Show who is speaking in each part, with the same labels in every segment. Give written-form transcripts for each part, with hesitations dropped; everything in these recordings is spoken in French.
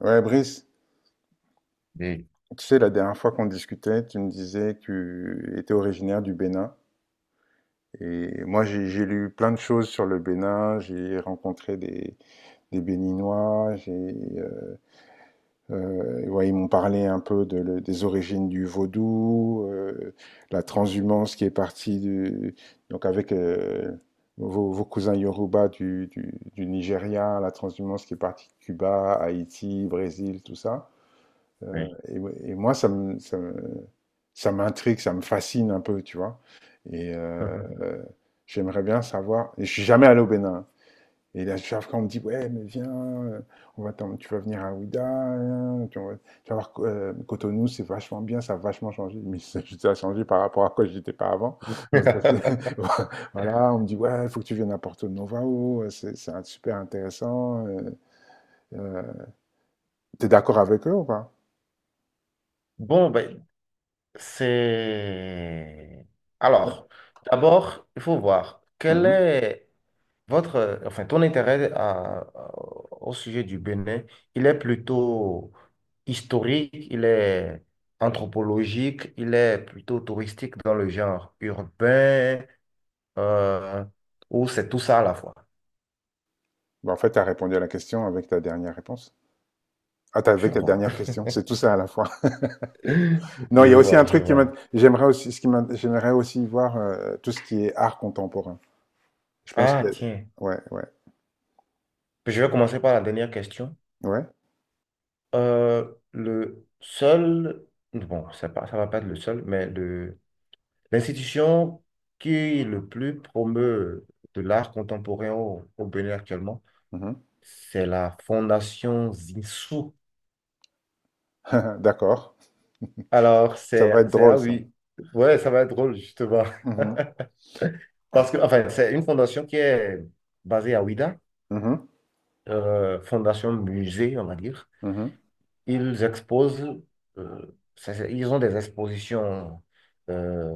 Speaker 1: Ouais, Brice,
Speaker 2: Oui,
Speaker 1: tu sais, la dernière fois qu'on discutait, tu me disais que tu étais originaire du Bénin. Et moi, j'ai lu plein de choses sur le Bénin. J'ai rencontré des Béninois. Euh, ouais, ils m'ont parlé un peu des origines du vaudou, la transhumance qui est partie du, donc avec vos cousins Yoruba du Nigeria, la transhumance qui est partie de Cuba, Haïti, Brésil, tout ça.
Speaker 2: oui.
Speaker 1: Et, ouais, et moi, ça m'intrigue, ça me fascine un peu, tu vois. Et euh, euh, J'aimerais bien savoir. Et je suis jamais allé au Bénin, hein. Et là, chaque fois, on me dit, ouais, mais viens, tu vas venir à Ouidah, hein, tu vas voir Cotonou, c'est vachement bien, ça a vachement changé. Mais ça a changé par rapport à quoi j'étais pas avant. Donc, voilà, on me dit, ouais, il faut que tu viennes à Porto Novao, super intéressant. Euh, T'es d'accord avec eux ou pas?
Speaker 2: Bon, ben, c'est... Alors, d'abord, il faut voir quel
Speaker 1: Mhm.
Speaker 2: est votre, enfin, ton intérêt au sujet du Bénin. Il est plutôt historique, il est anthropologique, il est plutôt touristique dans le genre urbain, euh, ou c'est tout ça à la fois.
Speaker 1: Bah, en fait, tu as répondu à la question avec ta dernière réponse. Ah,
Speaker 2: Je
Speaker 1: avec ta
Speaker 2: vois.
Speaker 1: dernière question, c'est tout ça à la fois. Non, il
Speaker 2: Je
Speaker 1: y a aussi
Speaker 2: vois,
Speaker 1: un
Speaker 2: je
Speaker 1: truc qui m'a-
Speaker 2: vois.
Speaker 1: j'aimerais aussi, j'aimerais aussi voir tout ce qui est art contemporain. Je pense que,
Speaker 2: Ah, tiens.
Speaker 1: ouais, ouais,
Speaker 2: Je vais commencer par la dernière question.
Speaker 1: ouais.
Speaker 2: Euh, le seul, bon, ça va pas être le seul, mais l'institution qui le plus promeut de l'art contemporain au Bénin actuellement,
Speaker 1: Mhm.
Speaker 2: c'est la Fondation Zinsou.
Speaker 1: D'accord.
Speaker 2: Alors,
Speaker 1: Ça
Speaker 2: c'est,
Speaker 1: va être
Speaker 2: c'est,
Speaker 1: drôle
Speaker 2: ah
Speaker 1: ça.
Speaker 2: oui, ouais, ça va être drôle, justement.
Speaker 1: Mhm,
Speaker 2: Parce que, enfin, c'est une fondation qui est basée à Ouidah,
Speaker 1: mhm,
Speaker 2: fondation musée, on va dire.
Speaker 1: mhm.
Speaker 2: Ils exposent, ils ont des expositions. euh,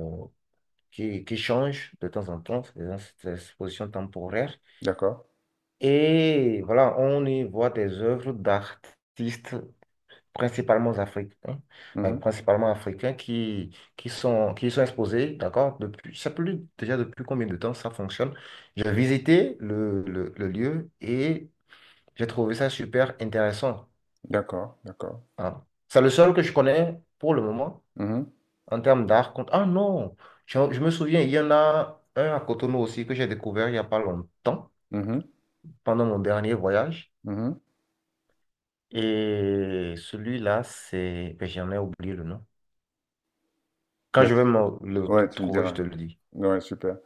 Speaker 2: qui changent de temps en temps, des expositions temporaires.
Speaker 1: D'accord.
Speaker 2: Et voilà, on y voit des œuvres d'artistes principalement africains,
Speaker 1: Mhm.
Speaker 2: qui sont exposés, d'accord, depuis, je sais plus déjà depuis combien de temps ça fonctionne. J'ai visité le lieu et j'ai trouvé ça super intéressant,
Speaker 1: D'accord, d'accord.
Speaker 2: hein. C'est le seul que je connais pour le moment.
Speaker 1: Mhm,
Speaker 2: En termes d'art, ah non, je me souviens, il y en a un à Cotonou aussi que j'ai découvert il n'y a pas longtemps,
Speaker 1: mhm,
Speaker 2: pendant mon dernier voyage.
Speaker 1: mhm.
Speaker 2: Et celui-là, ben, j'en ai oublié le nom. Quand
Speaker 1: Yes.
Speaker 2: je vais me le
Speaker 1: Ouais, tu me
Speaker 2: trouver, je
Speaker 1: diras.
Speaker 2: te le dis.
Speaker 1: Ouais, super.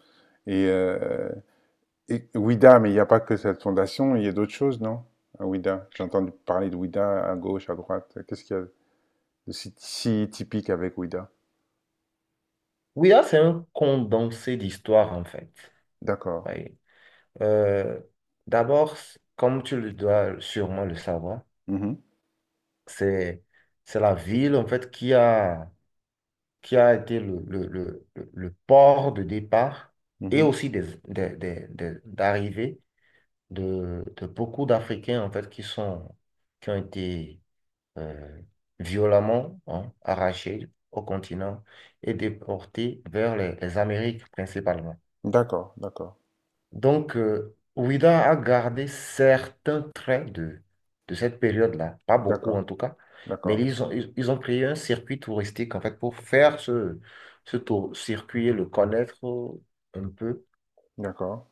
Speaker 1: Et euh, Et Ouida, mais il n'y a pas que cette fondation, il y a d'autres choses, non? À Ouida. J'ai entendu parler de Ouida à gauche, à droite. Qu'est-ce qu'il y a de si typique avec Ouida?
Speaker 2: Oui, là, c'est un condensé d'histoire, en fait.
Speaker 1: D'accord.
Speaker 2: Oui. Euh, D'abord, comme tu le dois sûrement le savoir,
Speaker 1: Mhm,
Speaker 2: c'est, c'est la ville, en fait, qui a été le port de départ et
Speaker 1: mhm.
Speaker 2: aussi d'arrivée de beaucoup d'Africains en fait qui ont été euh, violemment, hein, arrachés au continent et déportés vers les Amériques principalement.
Speaker 1: D'accord, d'accord,
Speaker 2: Donc, Ouida a gardé certains traits de cette période-là, pas beaucoup
Speaker 1: d'accord,
Speaker 2: en tout cas, mais
Speaker 1: d'accord,
Speaker 2: ils ont créé un circuit touristique en fait pour faire ce tour, circuit et le connaître un peu.
Speaker 1: d'accord,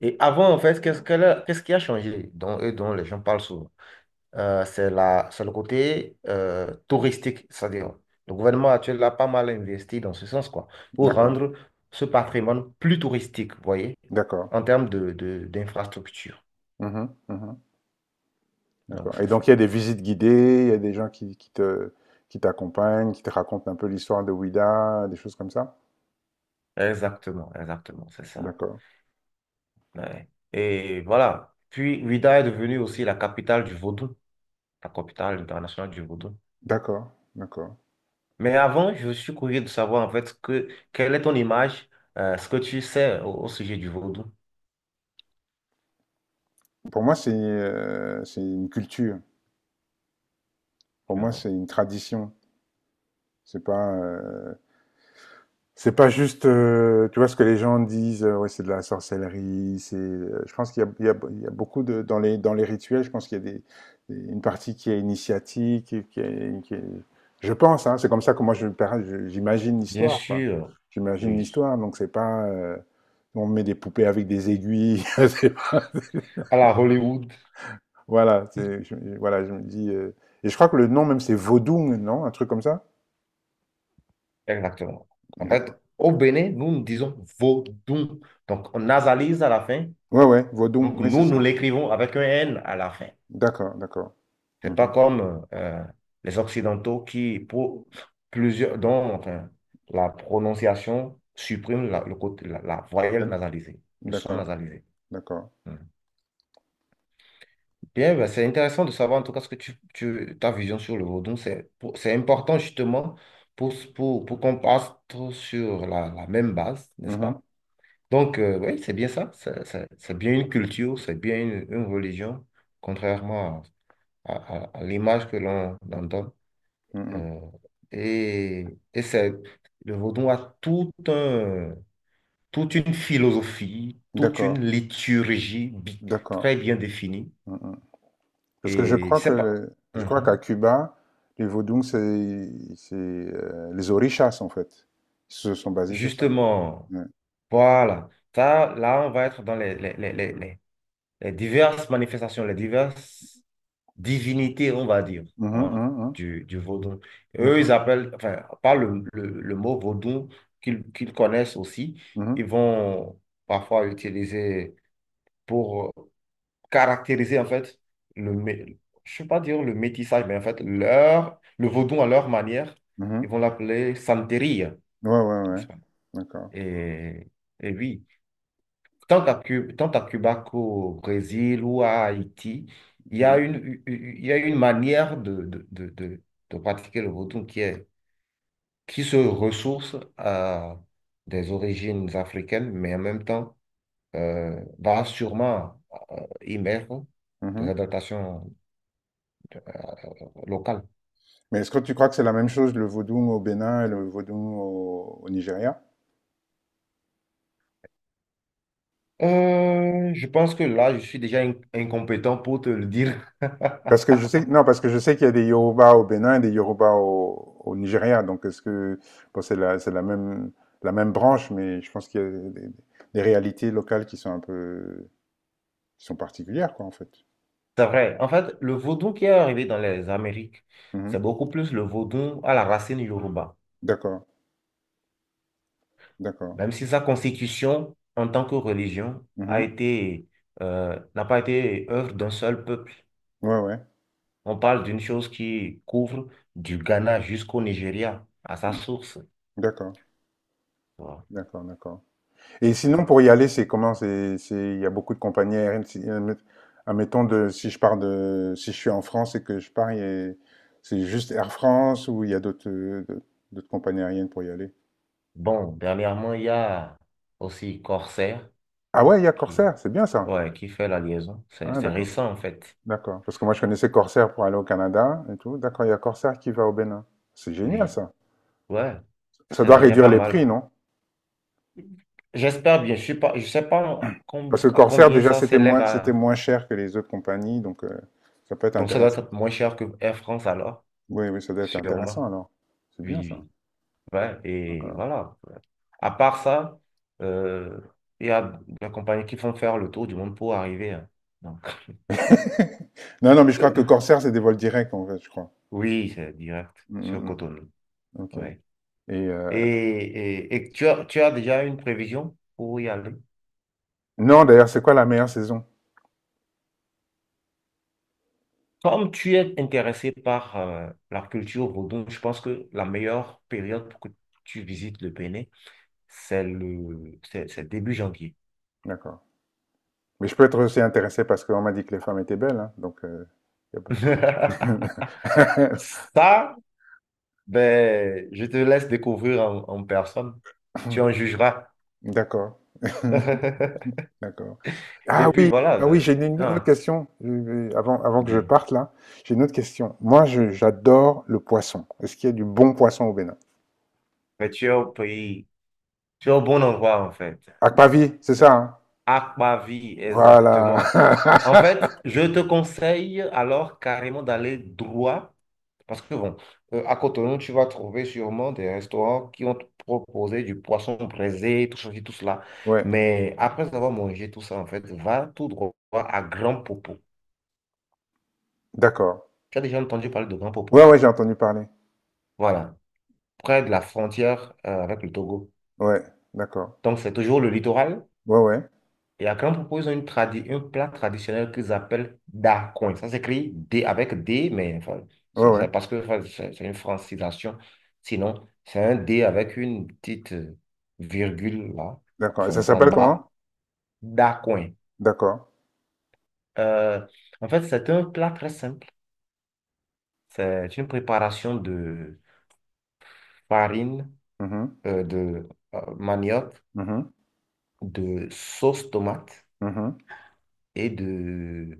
Speaker 2: Et avant, en fait, qu'est-ce qui a changé dont, et dont les gens parlent souvent? C'est le côté touristique. C'est-à-dire, le gouvernement actuel a pas mal investi dans ce sens, quoi, pour
Speaker 1: d'accord,
Speaker 2: rendre ce patrimoine plus touristique, vous voyez,
Speaker 1: d'accord.
Speaker 2: en termes d'infrastructure.
Speaker 1: Mhm, mhm,
Speaker 2: Donc,
Speaker 1: d'accord. Et
Speaker 2: c'est ça.
Speaker 1: donc il y a des visites guidées, il y a des gens qui t'accompagnent, qui te racontent un peu l'histoire de Ouida, des choses comme ça?
Speaker 2: Exactement, exactement, c'est ça.
Speaker 1: D'accord,
Speaker 2: Ouais. Et voilà. Puis, Ouidah est devenue aussi la capitale du vaudou, la capitale internationale du vaudou.
Speaker 1: d'accord, d'accord.
Speaker 2: Mais avant, je suis curieux de savoir, en fait, quelle est ton image, ce que tu sais au sujet du vaudou.
Speaker 1: Pour moi, c'est une culture. Pour
Speaker 2: Tu
Speaker 1: moi, c'est
Speaker 2: vois.
Speaker 1: une tradition. C'est pas, euh, c'est pas juste, tu vois, ce que les gens disent, ouais, c'est de la sorcellerie, je pense qu'il y a, il y a beaucoup de, dans les rituels, je pense qu'il y a des, une partie qui est initiatique, et je pense, hein, c'est comme ça que j'imagine
Speaker 2: Bien
Speaker 1: l'histoire, quoi.
Speaker 2: sûr,
Speaker 1: J'imagine
Speaker 2: oui.
Speaker 1: l'histoire, donc c'est pas, on met des poupées avec des aiguilles, c'est pas-
Speaker 2: À la Hollywood,
Speaker 1: voilà, voilà, je me dis, et je crois que le nom même c'est Vodou, non, un truc comme ça?
Speaker 2: exactement. En fait,
Speaker 1: D'accord.
Speaker 2: au Bénin, nous, nous disons vaudou. Donc, on nasalise à la fin.
Speaker 1: Ouais, ouais, Vodou,
Speaker 2: Donc,
Speaker 1: oui, c'est
Speaker 2: nous, nous
Speaker 1: ça.
Speaker 2: l'écrivons avec un N à la fin.
Speaker 1: D'accord, d'accord.
Speaker 2: C'est pas
Speaker 1: Mhm.
Speaker 2: comme les Occidentaux qui, pour plusieurs, dont enfin, la prononciation supprime le côté, la voyelle
Speaker 1: D'ac-
Speaker 2: nasalisée, le son
Speaker 1: D'accord,
Speaker 2: nasalisé.
Speaker 1: d'accord.
Speaker 2: Mhm. Bien, ben, c'est intéressant de savoir en tout cas ce que ta vision sur le vaudou. C'est important justement pour qu'on parte sur la même base, n'est-ce
Speaker 1: Mhm,
Speaker 2: pas? Donc, oui, c'est bien ça. C'est bien une culture, c'est bien une religion, contrairement à l'image que l'on en donne.
Speaker 1: mhm.
Speaker 2: Euh, et et c'est, le vaudou a toute une philosophie, toute une
Speaker 1: D'accord,
Speaker 2: liturgie
Speaker 1: d'accord.
Speaker 2: très bien définie.
Speaker 1: Mhm. Parce que
Speaker 2: Et c'est pas.
Speaker 1: je crois qu'à
Speaker 2: Mhm.
Speaker 1: Cuba, les Vodou, c'est les orishas en fait. Ils se sont basés sur ça.
Speaker 2: Justement,
Speaker 1: Ouais.
Speaker 2: voilà. Ça, là, on va être dans les diverses manifestations, les diverses. Divinité, on va dire,
Speaker 1: Mhm,
Speaker 2: hein,
Speaker 1: mhm, mhm.
Speaker 2: du vaudou. Eux, ils
Speaker 1: D'accord.
Speaker 2: appellent, enfin, par le mot vaudou qu'ils connaissent aussi, ils
Speaker 1: Mhm,
Speaker 2: vont parfois utiliser pour caractériser, en fait, je ne vais pas dire le métissage, mais en fait, le vaudou à leur manière, ils
Speaker 1: mhm.
Speaker 2: vont l'appeler santeria,
Speaker 1: Ouais, ouais, ouais.
Speaker 2: n'est-ce pas?
Speaker 1: D'accord.
Speaker 2: Et, oui, tant à Cuba qu'au Brésil ou à Haïti,
Speaker 1: Mhm,
Speaker 2: il y a une manière de pratiquer le vodou qui se ressource à des origines africaines, mais en même temps va sûrement émettre des
Speaker 1: mhm.
Speaker 2: adaptations locales.
Speaker 1: Mais est-ce que tu crois que c'est la même chose le Vodou au Bénin et le Vodou au Nigeria?
Speaker 2: Je pense que là, je suis déjà incompétent pour te le dire.
Speaker 1: Parce que je sais, non, parce que je sais qu'il y a des Yoruba au Bénin et des Yoruba au Nigeria. Donc, est-ce que, bon, c'est la même branche, mais je pense qu'il y a des réalités locales qui sont un peu, qui sont particulières, quoi, en fait.
Speaker 2: C'est vrai. En fait, le vaudou qui est arrivé dans les Amériques, c'est
Speaker 1: Mhm.
Speaker 2: beaucoup plus le vaudou à la racine Yoruba.
Speaker 1: D'accord, d'accord.
Speaker 2: Même si sa constitution en tant que religion a
Speaker 1: Mhm.
Speaker 2: été, n'a pas été œuvre d'un seul peuple.
Speaker 1: Ouais, ouais.
Speaker 2: On parle d'une chose qui couvre du Ghana jusqu'au Nigeria, à sa
Speaker 1: Mhm.
Speaker 2: source,
Speaker 1: D'accord,
Speaker 2: tu vois.
Speaker 1: d'accord, d'accord. Et sinon,
Speaker 2: Ouais.
Speaker 1: pour y aller, c'est comment? Il y a beaucoup de compagnies aériennes. Admettons de, si je suis en France et que je pars, c'est juste Air France ou il y a d'autres, d'autres compagnies aériennes pour y aller.
Speaker 2: Bon, dernièrement, il y a aussi Corsair
Speaker 1: Ah ouais, il y a
Speaker 2: qui,
Speaker 1: Corsair, c'est bien ça.
Speaker 2: ouais, qui fait la liaison. C'est,
Speaker 1: Ah,
Speaker 2: c'est
Speaker 1: d'accord,
Speaker 2: récent, en fait.
Speaker 1: d'accord. Parce que moi, je connaissais Corsair pour aller au Canada et tout. D'accord, il y a Corsair qui va au Bénin. C'est génial
Speaker 2: Oui,
Speaker 1: ça.
Speaker 2: ouais,
Speaker 1: Ça
Speaker 2: c'est
Speaker 1: doit
Speaker 2: déjà
Speaker 1: réduire
Speaker 2: pas
Speaker 1: les
Speaker 2: mal.
Speaker 1: prix, non?
Speaker 2: J'espère bien, je sais pas
Speaker 1: Parce que
Speaker 2: à
Speaker 1: Corsair,
Speaker 2: combien
Speaker 1: déjà,
Speaker 2: ça s'élève
Speaker 1: c'était
Speaker 2: à...
Speaker 1: moins cher que les autres compagnies, donc ça peut être
Speaker 2: Donc ça doit
Speaker 1: intéressant.
Speaker 2: être moins cher que Air France alors,
Speaker 1: Oui, oui, ça doit être
Speaker 2: sûrement.
Speaker 1: intéressant alors. C'est bien
Speaker 2: Oui,
Speaker 1: ça.
Speaker 2: oui. Ouais, et
Speaker 1: D'accord.
Speaker 2: voilà. À part ça, euh, il y a des compagnies qui font faire le tour du monde pour arriver, hein. Donc,
Speaker 1: Non, non, mais je crois que Corsair, c'est des vols directs, en fait, je crois.
Speaker 2: oui, c'est direct
Speaker 1: Mm, mm,
Speaker 2: sur
Speaker 1: mm.
Speaker 2: Cotonou.
Speaker 1: Ok.
Speaker 2: Ouais.
Speaker 1: Et euh,
Speaker 2: Tu as déjà une prévision pour y aller?
Speaker 1: non, d'ailleurs, c'est quoi la meilleure saison?
Speaker 2: Comme tu es intéressé par la culture vaudou, je pense que la meilleure période pour que tu visites le Bénin, c'est le, c'est début janvier.
Speaker 1: D'accord. Mais je peux être aussi intéressé parce qu'on m'a dit que les femmes étaient belles, hein, donc, y a pas-
Speaker 2: Ça, ben, je te laisse découvrir en personne. Tu en jugeras.
Speaker 1: D'accord. D'accord. Ah
Speaker 2: Et puis
Speaker 1: oui,
Speaker 2: voilà,
Speaker 1: ah oui, j'ai une autre
Speaker 2: ah,
Speaker 1: question, avant, avant que je
Speaker 2: dis.
Speaker 1: parte là. J'ai une autre question. Moi, j'adore le poisson. Est-ce qu'il y a du bon poisson au Bénin?
Speaker 2: Mais tu es au pays, tu es au bon endroit en fait.
Speaker 1: Akpavi, c'est
Speaker 2: Le-
Speaker 1: ça, hein.
Speaker 2: Aquavie,
Speaker 1: Voilà.
Speaker 2: exactement. En fait, je te conseille alors carrément d'aller droit, parce que bon, à Cotonou, tu vas trouver sûrement des restaurants qui vont te proposer du poisson braisé, tout ceci, tout cela.
Speaker 1: Ouais,
Speaker 2: Mais après avoir mangé tout ça, en fait, va tout droit à Grand Popo.
Speaker 1: d'accord.
Speaker 2: Tu as déjà entendu parler de Grand Popo?
Speaker 1: Ouais, ouais, j'ai entendu parler.
Speaker 2: Voilà, près de la frontière, avec le Togo.
Speaker 1: Ouais, d'accord.
Speaker 2: Donc, c'est toujours le littoral.
Speaker 1: Ouais, ouais.
Speaker 2: Et à Caen, on propose un plat traditionnel qu'ils appellent dacoin. Ça s'écrit D avec D, mais enfin,
Speaker 1: Ouais,
Speaker 2: c'est
Speaker 1: ouais.
Speaker 2: c'est parce que enfin, c'est une francisation. Sinon, c'est un D avec une petite virgule là,
Speaker 1: D'accord. Et ça
Speaker 2: enfin, en
Speaker 1: s'appelle
Speaker 2: bas.
Speaker 1: comment?
Speaker 2: Dacoin.
Speaker 1: D'accord.
Speaker 2: Euh, En fait, c'est un plat très simple. C'est une préparation de farine,
Speaker 1: Mhm.
Speaker 2: de manioc,
Speaker 1: Mhm.
Speaker 2: de sauce tomate
Speaker 1: Mhm.
Speaker 2: et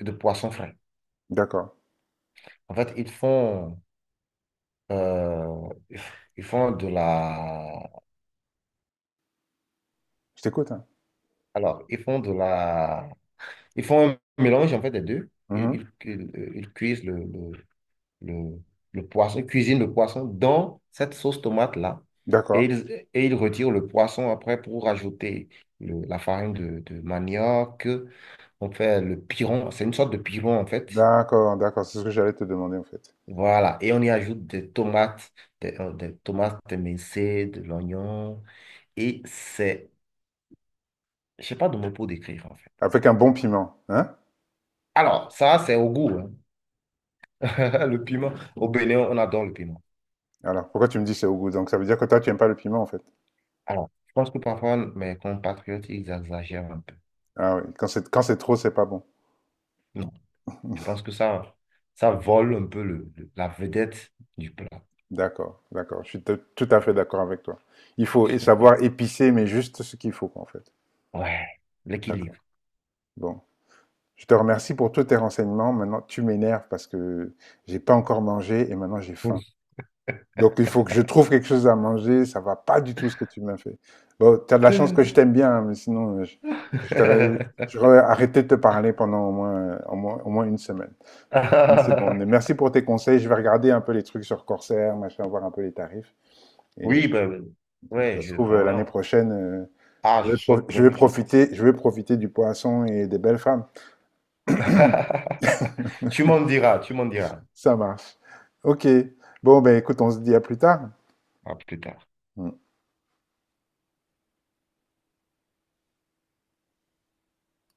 Speaker 2: de poisson frais.
Speaker 1: D'accord.
Speaker 2: En fait, Euh, ils font de la...
Speaker 1: Je t'écoute, hein.
Speaker 2: Alors, ils font de la... Ils font un mélange, en fait, des deux.
Speaker 1: Mhm.
Speaker 2: Ils cuisent le, le poisson, ils cuisinent le poisson dans cette sauce tomate-là.
Speaker 1: D'accord.
Speaker 2: Et ils retirent le poisson après pour rajouter la farine de manioc. On fait le piron, c'est une sorte de piron, en fait.
Speaker 1: D'accord, d'accord. C'est ce que j'allais te demander, en fait.
Speaker 2: Voilà, et on y ajoute des tomates émincées, de l'oignon, et je sais pas de mots pour décrire en fait.
Speaker 1: Avec un bon piment, hein?
Speaker 2: Alors, ça, c'est au goût, hein. Le piment. Au Bénin, on adore le piment.
Speaker 1: Alors, pourquoi tu me dis c'est au goût? Donc, ça veut dire que toi, tu aimes pas le piment, en fait.
Speaker 2: Alors, je pense que parfois, mes compatriotes, ils exagèrent un peu.
Speaker 1: Ah oui. Quand quand c'est trop, c'est pas bon.
Speaker 2: Non, je pense que ça vole un peu la vedette du plat.
Speaker 1: D'accord, d'accord. Je suis tout tout à fait d'accord avec toi. Il faut savoir épicer, mais juste ce qu'il faut, quoi, en fait.
Speaker 2: Ouais,
Speaker 1: D'accord.
Speaker 2: l'équilibre.
Speaker 1: Bon. Je te remercie pour tous tes renseignements. Maintenant, tu m'énerves parce que j'ai pas encore mangé et maintenant j'ai faim. Donc, il faut que je trouve quelque chose à manger. Ça va pas du tout ce que tu m'as fait. Bon, tu as de la chance que je t'aime bien, hein, mais sinon, je t'aurais, j'aurais arrêté de te parler pendant au moins, au moins une semaine. Mais c'est bon. Mais merci pour tes conseils. Je vais regarder un peu les trucs sur Corsair, machin, voir un peu les tarifs. Et
Speaker 2: Oui, ben, ben,
Speaker 1: puis,
Speaker 2: ouais,
Speaker 1: ça se trouve, l'année
Speaker 2: voilà.
Speaker 1: prochaine,
Speaker 2: Ah, je souhaite bien que tu le fasses.
Speaker 1: je vais profiter du poisson et des belles femmes.
Speaker 2: Tu m'en diras, tu m'en diras.
Speaker 1: Ça marche. OK. Bon, ben écoute, on se dit à plus tard.
Speaker 2: À plus tard.